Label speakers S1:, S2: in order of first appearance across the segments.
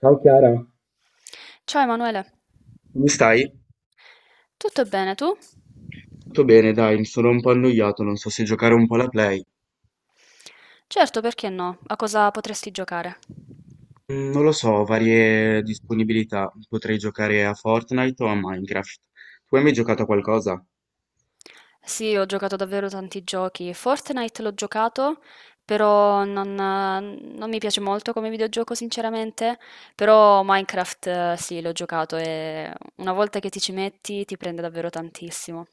S1: Ciao Chiara,
S2: Ciao Emanuele,
S1: come stai?
S2: tutto bene tu?
S1: Tutto bene, dai, mi sono un po' annoiato, non so se giocare un po' alla Play.
S2: Certo, perché no? A cosa potresti giocare?
S1: Non lo so, varie disponibilità. Potrei giocare a Fortnite o a Minecraft. Tu hai mai giocato a qualcosa?
S2: Sì, ho giocato davvero tanti giochi. Fortnite l'ho giocato, però non mi piace molto come videogioco, sinceramente. Però Minecraft, sì, l'ho giocato e una volta che ti ci metti ti prende davvero tantissimo.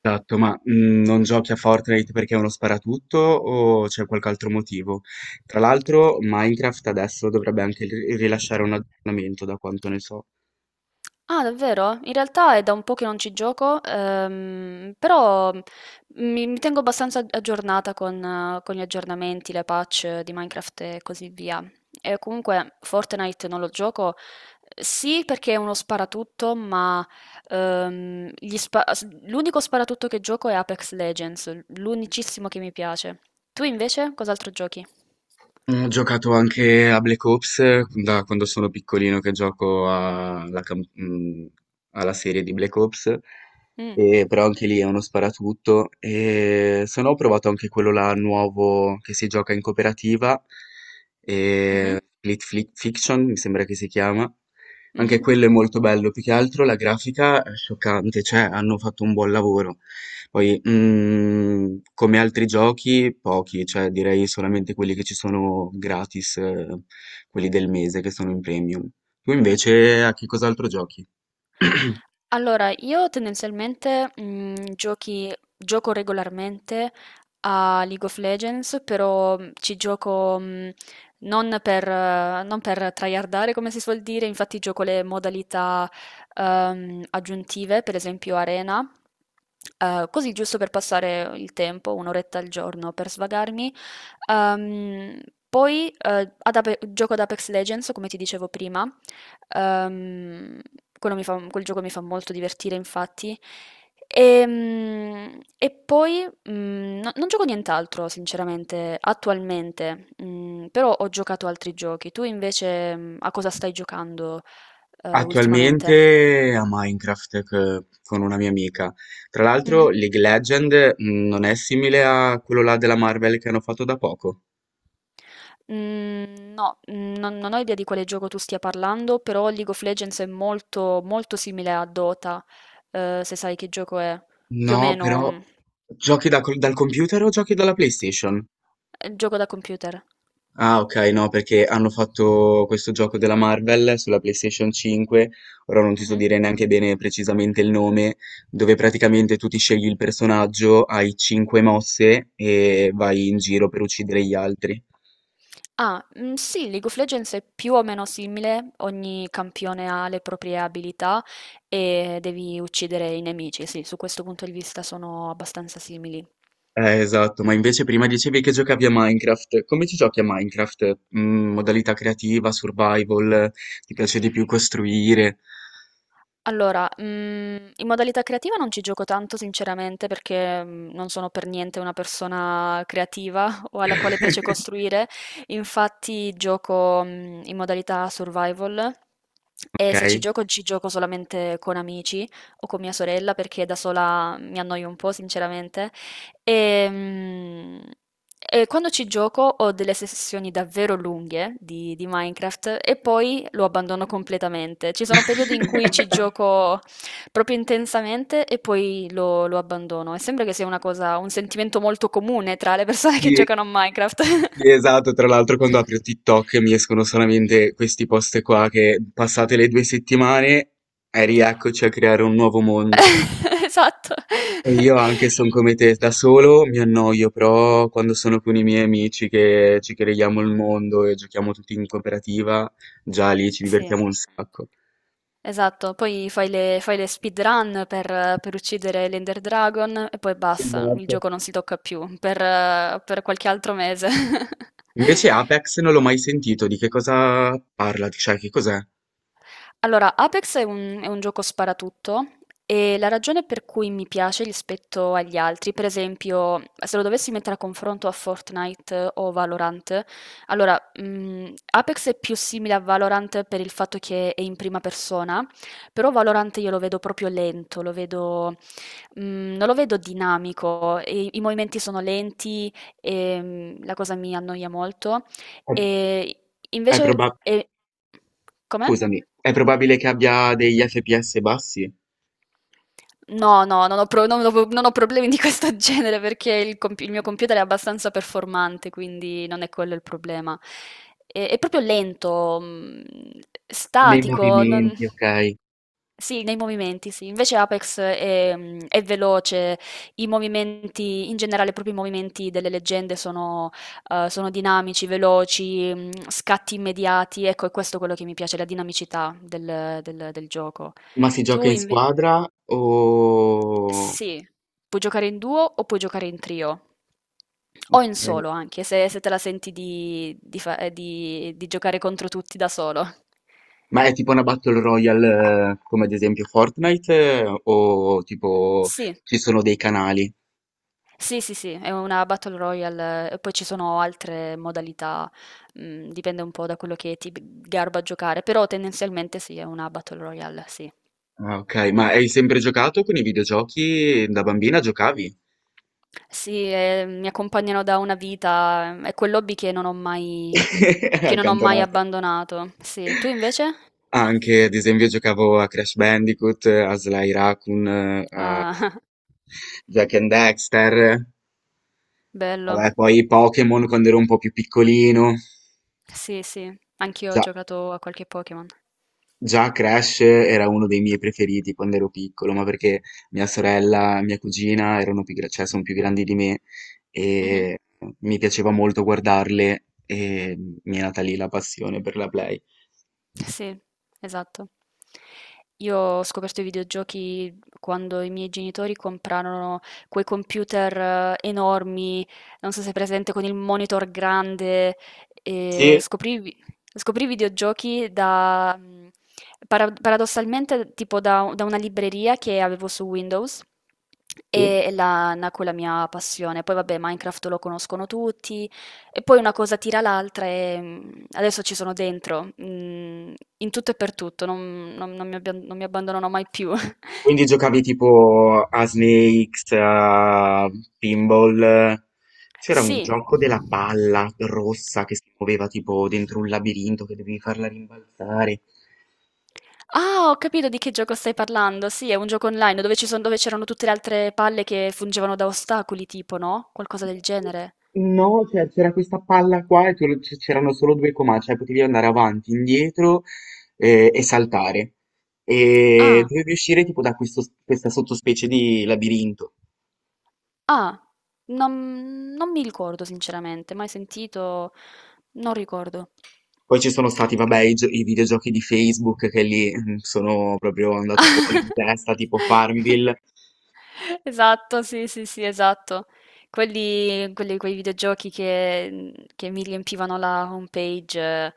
S1: Esatto, ma non giochi a Fortnite perché è uno sparatutto o c'è qualche altro motivo? Tra l'altro, Minecraft adesso dovrebbe anche rilasciare un aggiornamento, da quanto ne so.
S2: Ah, davvero? In realtà è da un po' che non ci gioco, però mi tengo abbastanza aggiornata con gli aggiornamenti, le patch di Minecraft e così via. E comunque Fortnite non lo gioco, sì, perché è uno sparatutto, ma l'unico sparatutto che gioco è Apex Legends, l'unicissimo che mi piace. Tu invece cos'altro giochi?
S1: Mhmm, Ho giocato anche a Black Ops da quando sono piccolino che gioco alla cam alla serie di Black Ops,
S2: Mm,
S1: e però anche lì è uno sparatutto. E se no ho provato anche quello là nuovo che si gioca in cooperativa,
S2: mhm,
S1: Split Fli Fiction mi sembra che si chiama. Anche
S2: mhm.
S1: quello è molto bello, più che altro la grafica è scioccante, cioè hanno fatto un buon lavoro. Poi, come altri giochi, pochi, cioè direi solamente quelli che ci sono gratis, quelli del mese che sono in premium. Tu invece a che cos'altro giochi?
S2: Allora, io tendenzialmente gioco regolarmente a League of Legends, però ci gioco, non per tryhardare, come si suol dire. Infatti gioco le modalità aggiuntive, per esempio Arena, così, giusto per passare il tempo, un'oretta al giorno per svagarmi. Ehm, poi gioco ad Apex Legends, come ti dicevo prima. Ehm, quel gioco mi fa molto divertire, infatti. E poi, no, non gioco nient'altro sinceramente, attualmente, però ho giocato altri giochi. Tu invece, a cosa stai giocando, ultimamente?
S1: Attualmente a Minecraft con una mia amica. Tra
S2: Mh-mh.
S1: l'altro, League Legend non è simile a quello là della Marvel che hanno fatto da poco.
S2: Mhmm, no, non ho idea di quale gioco tu stia parlando, però League of Legends è molto, molto simile a Dota, se sai che gioco è. Più o
S1: No,
S2: meno,
S1: però giochi dal computer o giochi dalla PlayStation?
S2: è un gioco da computer.
S1: Ah, ok, no, perché hanno fatto questo gioco della Marvel sulla PlayStation 5, ora non ti so
S2: Mh-mh.
S1: dire neanche bene precisamente il nome, dove praticamente tu ti scegli il personaggio, hai 5 mosse e vai in giro per uccidere gli altri.
S2: Ah, sì, League of Legends è più o meno simile: ogni campione ha le proprie abilità e devi uccidere i nemici. Sì, su questo punto di vista sono abbastanza simili.
S1: Esatto, ma invece prima dicevi che giocavi a Minecraft. Come ci giochi a Minecraft? Modalità creativa, survival, ti piace di più costruire?
S2: Allora, in modalità creativa non ci gioco tanto sinceramente, perché, non sono per niente una persona creativa o alla quale piace costruire. Infatti gioco, in modalità survival, e se ci
S1: Ok.
S2: gioco, ci gioco solamente con amici o con mia sorella, perché da sola mi annoio un po' sinceramente. Ehm, E, quando ci gioco, ho delle sessioni davvero lunghe di Minecraft e poi lo abbandono completamente. Ci sono periodi in cui ci gioco proprio intensamente e poi lo abbandono. E sembra che sia una cosa, un sentimento molto comune tra le persone che
S1: Sì.
S2: giocano a Minecraft.
S1: Sì, esatto, tra l'altro quando apro TikTok mi escono solamente questi post qua che passate le due settimane e rieccoci a creare un nuovo mondo.
S2: Esatto.
S1: E io anche sono come te, da solo mi annoio, però quando sono con i miei amici che ci creiamo il mondo e giochiamo tutti in cooperativa, già lì ci
S2: Sì.
S1: divertiamo un sacco.
S2: Esatto, poi fai le speedrun per uccidere l'Ender Dragon e poi basta, il
S1: Esatto.
S2: gioco non si tocca più per qualche altro mese.
S1: Invece Apex non l'ho mai sentito, di che cosa parla? Cioè, che cos'è?
S2: Allora, Apex è un gioco sparatutto, e la ragione per cui mi piace rispetto agli altri, per esempio, se lo dovessi mettere a confronto a Fortnite o Valorant: allora, Apex è più simile a Valorant per il fatto che è in prima persona, però Valorant io lo vedo proprio lento, lo vedo, non lo vedo dinamico, i movimenti sono lenti, la cosa mi annoia molto. Ehm,
S1: È
S2: invece
S1: proba-
S2: e Come?
S1: Scusami, è probabile che abbia degli FPS bassi?
S2: No, no, non ho pro non ho non ho problemi di questo genere, perché il mio computer è abbastanza performante, quindi non è quello il problema. È proprio lento,
S1: Nei
S2: statico, non.
S1: movimenti, okay.
S2: Sì, nei movimenti, sì. Invece Apex è veloce, i movimenti in generale, proprio i movimenti delle leggende sono dinamici, veloci, scatti immediati. Ecco, è questo quello che mi piace: la dinamicità del gioco.
S1: Ma si gioca
S2: Tu
S1: in
S2: inve
S1: squadra o
S2: sì, puoi giocare in duo o puoi giocare in trio. O in
S1: okay.
S2: solo anche, se te la senti di giocare contro tutti da solo.
S1: Ma è tipo una battle royale come ad esempio Fortnite o tipo
S2: Sì,
S1: ci sono dei canali?
S2: sì, sì, sì, è una Battle Royale, e poi ci sono altre modalità, dipende un po' da quello che ti garba a giocare, però tendenzialmente sì, è una Battle Royale, sì.
S1: Ah, okay. Ma hai sempre giocato con i videogiochi? Da bambina giocavi?
S2: Sì, mi accompagnano da una vita, è quell'hobby che non ho mai, che non ho mai
S1: Accantonato.
S2: abbandonato. Sì, tu invece?
S1: Anche ad esempio giocavo a Crash Bandicoot, a Sly Raccoon, a
S2: Ah,
S1: Jak and Daxter,
S2: bello.
S1: vabbè poi Pokémon quando ero un po' più piccolino.
S2: Sì, sì, anch'io ho
S1: Già.
S2: giocato a qualche Pokémon.
S1: Già Crash era uno dei miei preferiti quando ero piccolo, ma perché mia sorella, mia cugina erano più, cioè, sono più grandi di me
S2: Mh-mh.
S1: e mi piaceva molto guardarle e mi è nata lì la passione per la Play.
S2: Sì, esatto. Io ho scoperto i videogiochi quando i miei genitori comprarono quei computer, enormi, non so se è presente, con il monitor grande. E
S1: Sì,
S2: scoprì i videogiochi da, paradossalmente, tipo da, una libreria che avevo su Windows
S1: sì.
S2: e là nacque la mia passione. Poi vabbè, Minecraft lo conoscono tutti, e poi una cosa tira l'altra e, adesso ci sono dentro, in tutto e per tutto, non mi abbandonerò mai più.
S1: Quindi giocavi tipo a Snakes, a Pinball. C'era un
S2: Sì.
S1: gioco della palla rossa che si muoveva tipo dentro un labirinto che dovevi farla rimbalzare.
S2: Ah, ho capito di che gioco stai parlando. Sì, è un gioco online dove ci son dove c'erano tutte le altre palle che fungevano da ostacoli, tipo, no, qualcosa del genere.
S1: No, cioè c'era questa palla qua e c'erano solo due comandi, cioè potevi andare avanti, indietro e saltare. E
S2: Ah,
S1: dovevi uscire tipo da questa sottospecie di labirinto.
S2: ah, non mi ricordo sinceramente, mai sentito, non ricordo.
S1: Poi ci sono stati, vabbè, i, i videogiochi di Facebook che lì sono proprio andato fuori di testa, tipo Farmville.
S2: Esatto, sì, sì, sì, esatto. Quei videogiochi che mi riempivano la homepage, eh,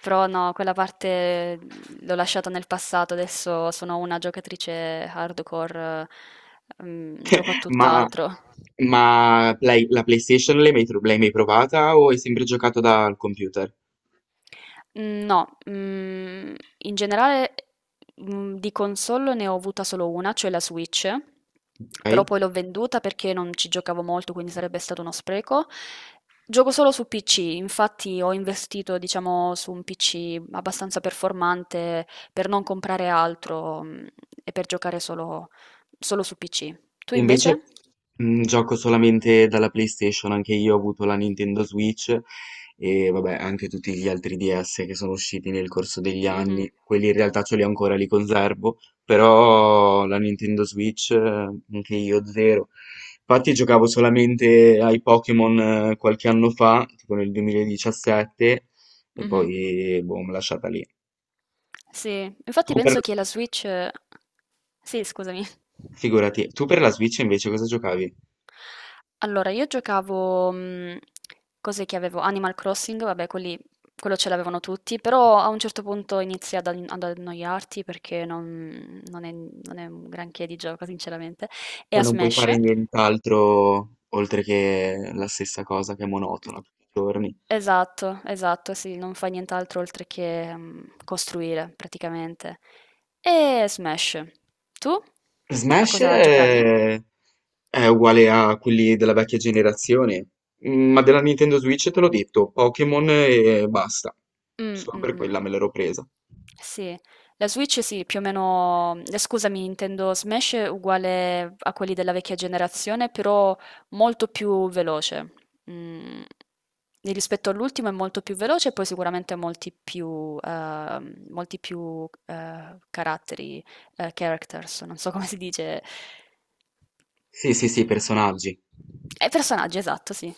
S2: però no, quella parte l'ho lasciata nel passato, adesso sono una giocatrice hardcore, gioco a
S1: Ma,
S2: tutt'altro.
S1: ma la PlayStation l'hai mai, l'hai mai provata o hai sempre giocato dal computer?
S2: Mhmm, no, in generale, di console ne ho avuta solo una, cioè la Switch, però
S1: Ok?
S2: poi l'ho venduta perché non ci giocavo molto, quindi sarebbe stato uno spreco. Gioco solo su PC, infatti ho investito, diciamo, su un PC abbastanza performante per non comprare altro, e per giocare solo su PC. Tu
S1: Invece,
S2: invece?
S1: gioco solamente dalla PlayStation, anche io ho avuto la Nintendo Switch e vabbè, anche tutti gli altri DS che sono usciti nel corso degli
S2: Mh-mh,
S1: anni. Quelli in realtà ce li ho ancora, li conservo, però la Nintendo Switch, anche io zero. Infatti giocavo solamente ai Pokémon qualche anno fa, tipo nel 2017, e
S2: mh-mh.
S1: poi boh, mi lasciata lì.
S2: Sì, infatti
S1: Tu per...
S2: penso che la Switch. Sì, scusami.
S1: Figurati, tu per la Switch invece cosa giocavi?
S2: Allora, io giocavo, cos'è che avevo? Animal Crossing, vabbè, quelli quello ce l'avevano tutti, però a un certo punto inizi ad annoiarti perché non è un granché di gioco sinceramente, e
S1: Cioè
S2: a
S1: non puoi
S2: Smash.
S1: fare nient'altro oltre che la stessa cosa che è monotona tutti i giorni.
S2: Esatto, esatto, sì, non fai nient'altro oltre che, costruire praticamente. E Smash. Tu? A
S1: Smash
S2: cosa giocavi?
S1: è uguale a quelli della vecchia generazione, ma della Nintendo Switch te l'ho detto, Pokémon e basta.
S2: Mh,
S1: Solo
S2: mh,
S1: per
S2: mh.
S1: quella me l'ero presa.
S2: Sì, la Switch sì, più o meno, scusami, intendo Smash è uguale a quelli della vecchia generazione, però molto più veloce. Mhmm, e rispetto all'ultimo è molto più veloce, e poi sicuramente molti più, caratteri, characters, non so come si dice.
S1: Sì, sì, sì, personaggi.
S2: Personaggi, esatto, sì.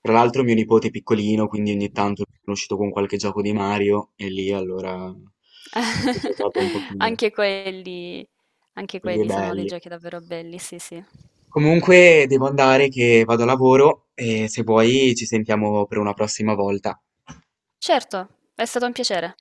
S1: Tra l'altro mio nipote è piccolino, quindi ogni tanto sono uscito con qualche gioco di Mario e lì allora ci ho giocato un pochino,
S2: Anche quelli, anche
S1: quelli
S2: quelli sono dei
S1: belli.
S2: giochi davvero belli, sì, sì.
S1: Comunque devo andare che vado a lavoro e se vuoi ci sentiamo per una prossima volta.
S2: Certo, è stato un piacere.